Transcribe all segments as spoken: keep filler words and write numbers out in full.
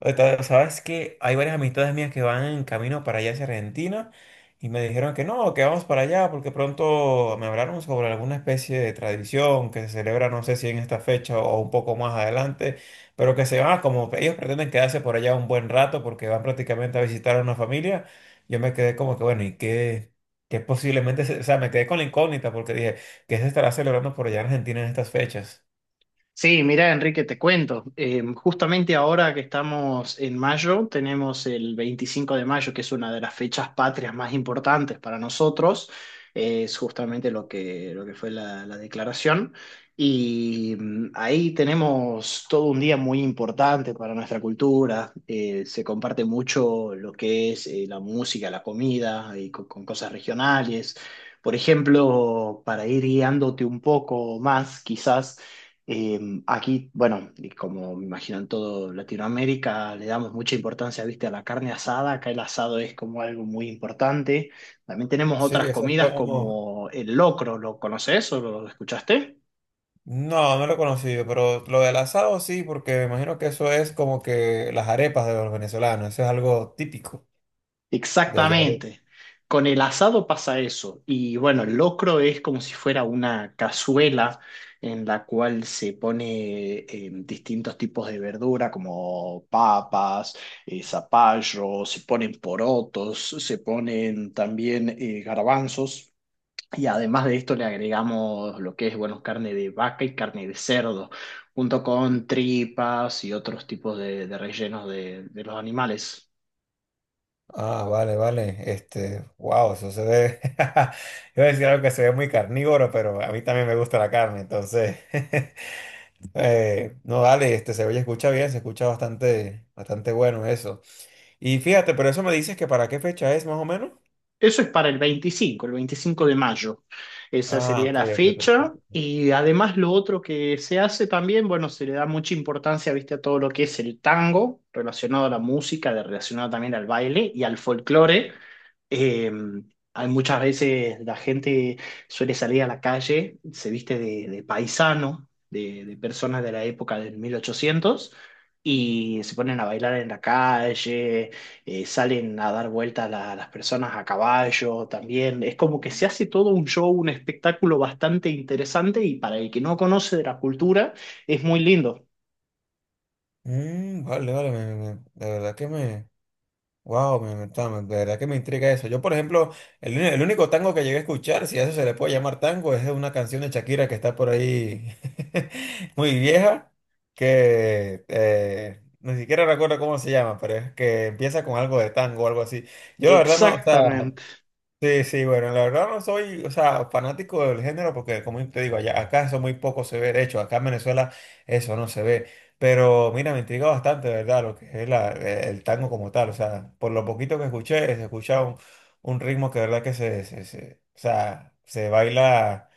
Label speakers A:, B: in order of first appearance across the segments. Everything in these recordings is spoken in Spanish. A: Ahorita, sabes que hay varias amistades mías que van en camino para allá hacia Argentina y me dijeron que no, que vamos para allá porque pronto me hablaron sobre alguna especie de tradición que se celebra, no sé si en esta fecha o un poco más adelante, pero que se van como ellos pretenden quedarse por allá un buen rato porque van prácticamente a visitar a una familia. Yo me quedé como que bueno, ¿y qué? Que posiblemente, se- o sea, me quedé con la incógnita porque dije, ¿qué se estará celebrando por allá en Argentina en estas fechas?
B: Sí, mira, Enrique, te cuento. Eh, justamente ahora que estamos en mayo, tenemos el veinticinco de mayo, que es una de las fechas patrias más importantes para nosotros. Eh, es justamente lo que, lo que fue la, la declaración. Y mm, ahí tenemos todo un día muy importante para nuestra cultura. Eh, se comparte mucho lo que es eh, la música, la comida, y con con cosas regionales. Por ejemplo, para ir guiándote un poco más, quizás. Eh, Aquí, bueno, y como me imagino en todo Latinoamérica, le damos mucha importancia, viste, a la carne asada. Acá el asado es como algo muy importante. También tenemos
A: Sí,
B: otras
A: eso es
B: comidas
A: como,
B: como el locro. ¿Lo conoces o lo escuchaste?
A: no, no lo he conocido, pero lo del asado sí, porque me imagino que eso es como que las arepas de los venezolanos, eso es algo típico de allá. de-
B: Exactamente. Con el asado pasa eso. Y bueno, el locro es como si fuera una cazuela en la cual se pone eh, distintos tipos de verdura como papas, eh, zapallo, se ponen porotos, se ponen también eh, garbanzos. Y además de esto le agregamos lo que es, bueno, carne de vaca y carne de cerdo, junto con tripas y otros tipos de, de rellenos de de los animales.
A: Ah, vale, vale, este, wow, eso se ve, iba a decir algo que se ve muy carnívoro, pero a mí también me gusta la carne, entonces, eh, no, dale, este, se oye, escucha bien, se escucha bastante, bastante bueno eso. Y fíjate, pero eso me dices que para qué fecha es más o menos.
B: Eso es para el veinticinco, el veinticinco de mayo. Esa
A: Ah,
B: sería
A: ok,
B: la
A: ok,
B: fecha.
A: perfecto.
B: Y además lo otro que se hace también, bueno, se le da mucha importancia, viste, a todo lo que es el tango, relacionado a la música, de- relacionado también al baile y al folclore. Eh, Hay muchas veces la gente suele salir a la calle, se viste de, de paisano, de, de personas de la época del mil ochocientos y se ponen a bailar en la calle, eh, salen a dar vueltas la- las personas a caballo también. Es como que se hace todo un show, un espectáculo bastante interesante y para el que no conoce de la cultura es muy lindo.
A: Mm, vale, vale, me- me- de verdad que me... Wow, me, me- está- de verdad que me intriga eso. Yo, por ejemplo, el, uni- el único tango que llegué a escuchar, si a eso se le puede llamar tango, es una canción de Shakira que está por ahí muy vieja, que eh, ni siquiera recuerdo cómo se llama, pero es que empieza con algo de tango o algo así. Yo la verdad no, o sea,
B: Exactamente.
A: sí, sí, bueno, la verdad no soy, o sea, fanático del género porque, como te digo, allá, acá eso muy poco se ve, de hecho, acá en Venezuela eso no se ve, pero mira, me intriga bastante, de verdad, lo que es la- eh, el tango como tal, o sea, por lo poquito que escuché, se escucha un, un ritmo que de verdad que se, se, se- o sea, se baila,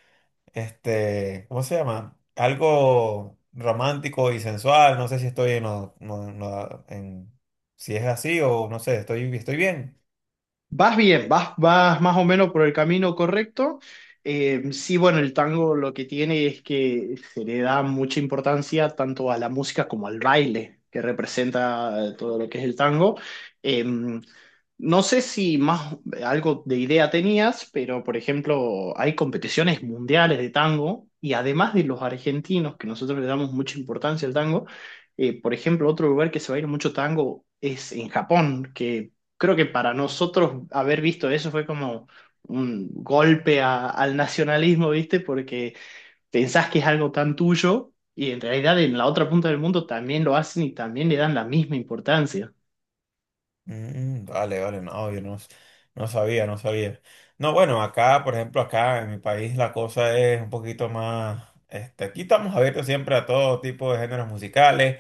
A: este, ¿cómo se llama? Algo romántico y sensual, no sé si estoy en, lo- no- no- en si es así o no sé, estoy, estoy bien.
B: Vas bien, vas, vas más o menos por el camino correcto. Eh, sí, bueno, el tango lo que tiene es que se le da mucha importancia tanto a la música como al baile que representa eh, todo lo que es el tango. Eh, no sé si más algo de idea tenías, pero por ejemplo, hay competiciones mundiales de tango y además de los argentinos, que nosotros le damos mucha importancia al tango, eh, por ejemplo, otro lugar que se baila mucho tango es en Japón, que creo que para nosotros haber visto eso fue como un golpe a- al nacionalismo, ¿viste? Porque pensás que es algo tan tuyo y en realidad en la otra punta del mundo también lo hacen y también le dan la misma importancia.
A: Mm, vale, vale, no, yo no, no sabía, no sabía. No, bueno, acá, por ejemplo, acá en mi país la cosa es un poquito más, este, aquí estamos abiertos siempre a todo tipo de géneros musicales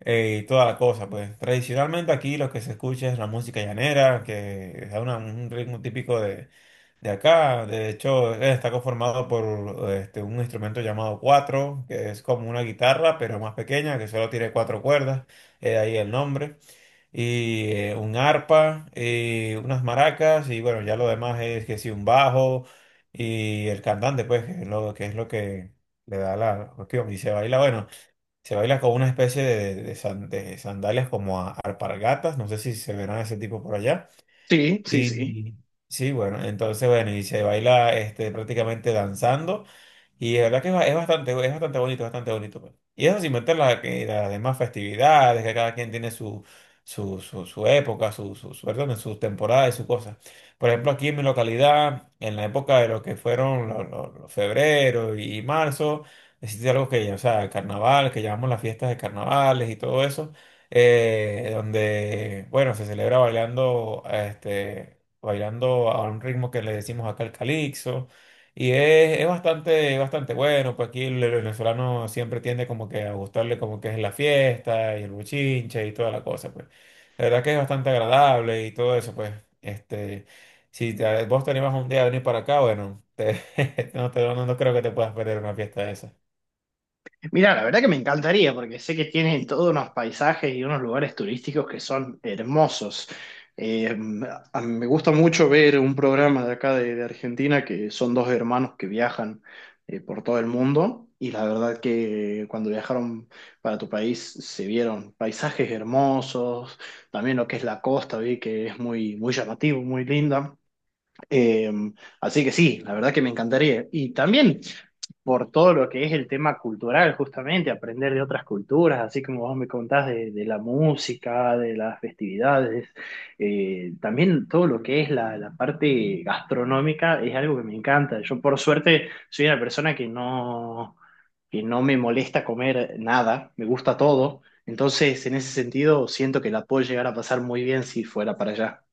A: eh, y toda la cosa, pues tradicionalmente aquí lo que se escucha es la música llanera, que es una- un ritmo típico de, de acá, de hecho eh, está conformado por este, un instrumento llamado cuatro, que es como una guitarra, pero más pequeña, que solo tiene cuatro cuerdas, eh, de ahí el nombre y eh, un arpa, eh, unas maracas y bueno, ya lo demás es que sí, un bajo y el cantante, pues, que es lo que, es lo que le da la cuestión. Y se baila, bueno, se baila con una especie de, de san- de sandalias como a- alpargatas, no sé si se verán ese tipo por allá.
B: Sí, sí, sí.
A: Y sí, bueno, entonces, bueno, y se baila este, prácticamente danzando. Y la verdad que es ba- es bastante, es bastante bonito, bastante bonito, pues. Y eso sin meter la- que las demás festividades, que cada quien tiene su, su, su, su época, su, su, su, perdón, sus temporadas y sus cosas. Por ejemplo, aquí en mi localidad, en la época de lo que fueron los, los- los febrero y marzo, existe algo que, o sea, el carnaval, que llamamos las fiestas de carnavales y todo eso eh, donde, bueno, se celebra bailando, este, bailando a un ritmo que le decimos acá el calixo, y es, es bastante, bastante bueno, pues aquí el el venezolano siempre tiende como que a gustarle como que es la fiesta y el bochinche y toda la cosa, pues. La verdad que es bastante agradable y todo eso, pues, este, si te- vos te animas un día a venir para acá, bueno, te- no, te- no no creo que te puedas perder una fiesta de esa.
B: Mira, la verdad que me encantaría porque sé que tienen todos unos paisajes y unos lugares turísticos que son hermosos. Eh, a mí me gusta mucho ver un programa de acá de, de Argentina que son dos hermanos que viajan eh, por todo el mundo y la verdad que cuando viajaron para tu país se vieron paisajes hermosos, también lo que es la costa, vi que es muy, muy llamativo, muy linda. Eh, Así que sí, la verdad que me encantaría. Y también por todo lo que es el tema cultural, justamente, aprender de otras culturas, así como vos me contás de, de la música, de las festividades, eh, también todo lo que es la, la parte gastronómica es algo que me encanta. Yo por suerte soy una persona que no, que no me molesta comer nada, me gusta todo, entonces en ese sentido siento que la puedo llegar a pasar muy bien si fuera para allá.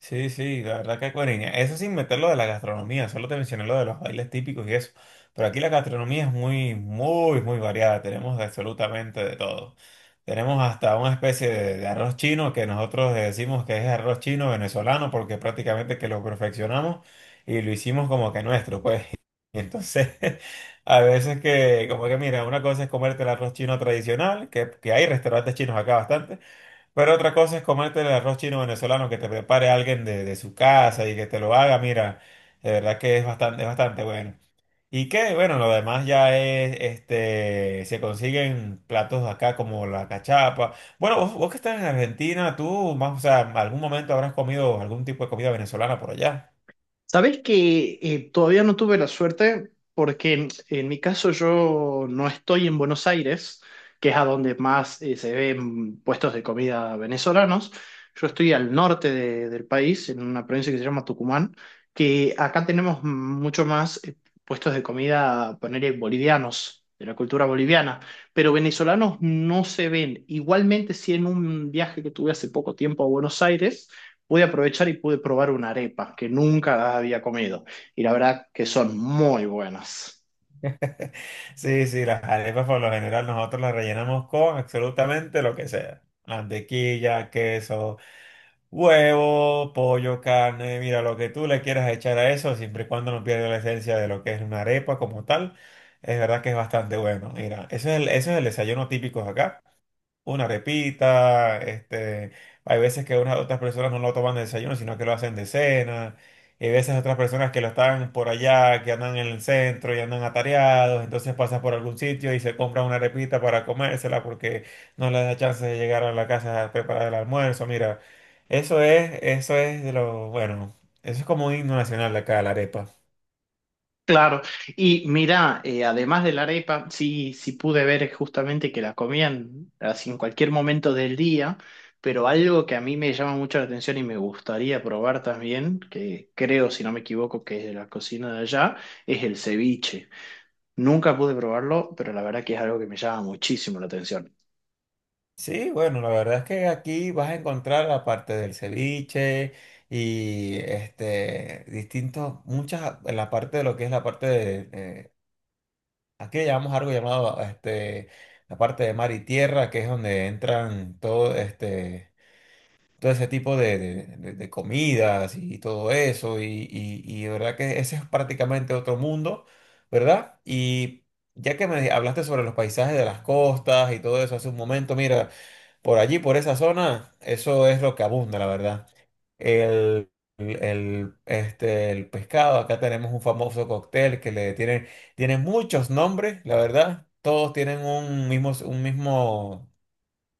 A: Sí, sí, la verdad que cuerina. Eso sin meter lo de la gastronomía, solo te mencioné lo de los bailes típicos y eso. Pero aquí la gastronomía es muy, muy, muy variada. Tenemos absolutamente de todo. Tenemos hasta una especie de, de arroz chino que nosotros decimos que es arroz chino venezolano porque prácticamente que lo perfeccionamos y lo hicimos como que nuestro, pues. Y entonces, a veces que, como que mira, una cosa es comerte el arroz chino tradicional, que, que hay restaurantes chinos acá bastante. Pero otra cosa es comerte el arroz chino venezolano que te prepare alguien de, de su casa y que te lo haga, mira, de verdad que es bastante, es bastante bueno. Y que, bueno, lo demás ya es, este, se consiguen platos acá como la cachapa. Bueno, vos, vos que estás en Argentina, tú, más, o sea, algún momento habrás comido algún tipo de comida venezolana por allá.
B: Sabes que eh, todavía no tuve la suerte porque en, en mi caso yo no estoy en Buenos Aires, que es a donde más eh, se ven puestos de comida venezolanos. Yo estoy al norte de- del país, en una provincia que se llama Tucumán, que acá tenemos mucho más eh, puestos de comida, ponerle bolivianos, de la cultura boliviana, pero venezolanos no se ven. Igualmente, si en un viaje que tuve hace poco tiempo a Buenos Aires, pude aprovechar y pude probar una arepa que nunca había comido. Y la verdad que son muy buenas.
A: Sí, sí, las arepas por lo general nosotros las rellenamos con absolutamente lo que sea. Mantequilla, queso. Huevo, pollo, carne, mira, lo que tú le quieras echar a eso, siempre y cuando no pierda la esencia de lo que es una arepa como tal, es verdad que es bastante bueno. Mira, eso es el, eso es el desayuno típico de acá, una repita, este, hay veces que unas otras personas no lo toman de desayuno, sino que lo hacen de cena, y hay veces otras personas que lo están por allá, que andan en el centro y andan atareados, entonces pasan por algún sitio y se compran una repita para comérsela porque no les da chance de llegar a la casa a preparar el almuerzo, mira, eso es, eso es de lo, bueno, eso es como un himno nacional de acá, la arepa.
B: Claro, y mira, además de la arepa, sí, sí pude ver justamente que la comían así en cualquier momento del día, pero algo que a mí me llama mucho la atención y me gustaría probar también, que creo, si no me equivoco, que es de la cocina de allá, es el ceviche. Nunca pude probarlo, pero la verdad que es algo que me llama muchísimo la atención.
A: Sí, bueno, la verdad es que aquí vas a encontrar, aparte del ceviche y este, distintos, muchas, en la parte de lo que es la parte de, eh, aquí le llamamos algo llamado, este, la parte de mar y tierra, que es donde entran todo, este, todo ese tipo de, de- de- de comidas y todo eso, y, y, y de verdad que ese es prácticamente otro mundo, ¿verdad? Y ya que me hablaste sobre los paisajes de las costas y todo eso hace un momento, mira, por allí, por esa zona, eso es lo que abunda, la verdad. El, el, este, el pescado, acá tenemos un famoso cóctel que le tiene, tiene muchos nombres, la verdad. Todos tienen un mismo, un mismo,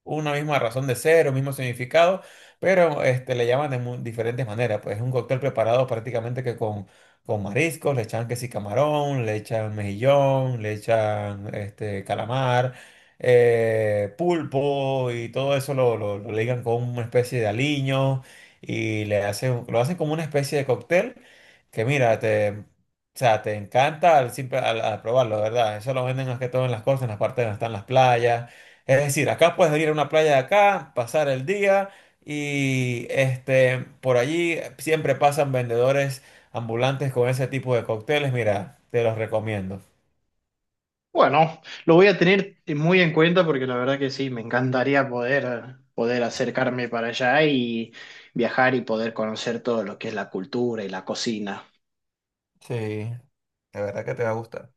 A: una misma razón de ser, un mismo significado, pero este, le llaman de mu- diferentes maneras. Pues es un cóctel preparado prácticamente que con, con mariscos, le echan que sí camarón, le echan mejillón, le echan este, calamar, eh, pulpo y todo eso lo, lo, lo ligan con una especie de aliño y le hacen, lo hacen como una especie de cóctel que mira, te... O sea, te encanta al, simple- al, al probarlo, ¿verdad? Eso lo venden más que todo en las costas, en las partes donde están las playas, es decir, acá puedes ir a una playa de acá, pasar el día y este, por allí siempre pasan vendedores ambulantes con ese tipo de cócteles. Mira, te los recomiendo.
B: Bueno, lo voy a tener muy en cuenta porque la verdad que sí, me encantaría poder, poder acercarme para allá y viajar y poder conocer todo lo que es la cultura y la cocina.
A: Sí, de verdad que te va a gustar.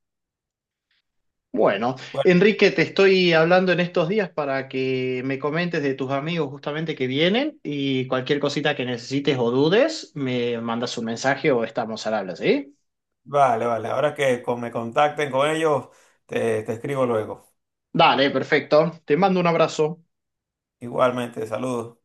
B: Bueno,
A: Bueno,
B: Enrique, te estoy hablando en estos días para que me comentes de tus amigos justamente que vienen y cualquier cosita que necesites o dudes, me mandas un mensaje o estamos al habla, ¿sí?
A: vale, vale. Ahora que con- me contacten con ellos, te, te escribo luego.
B: Dale, perfecto. Te mando un abrazo.
A: Igualmente, saludos.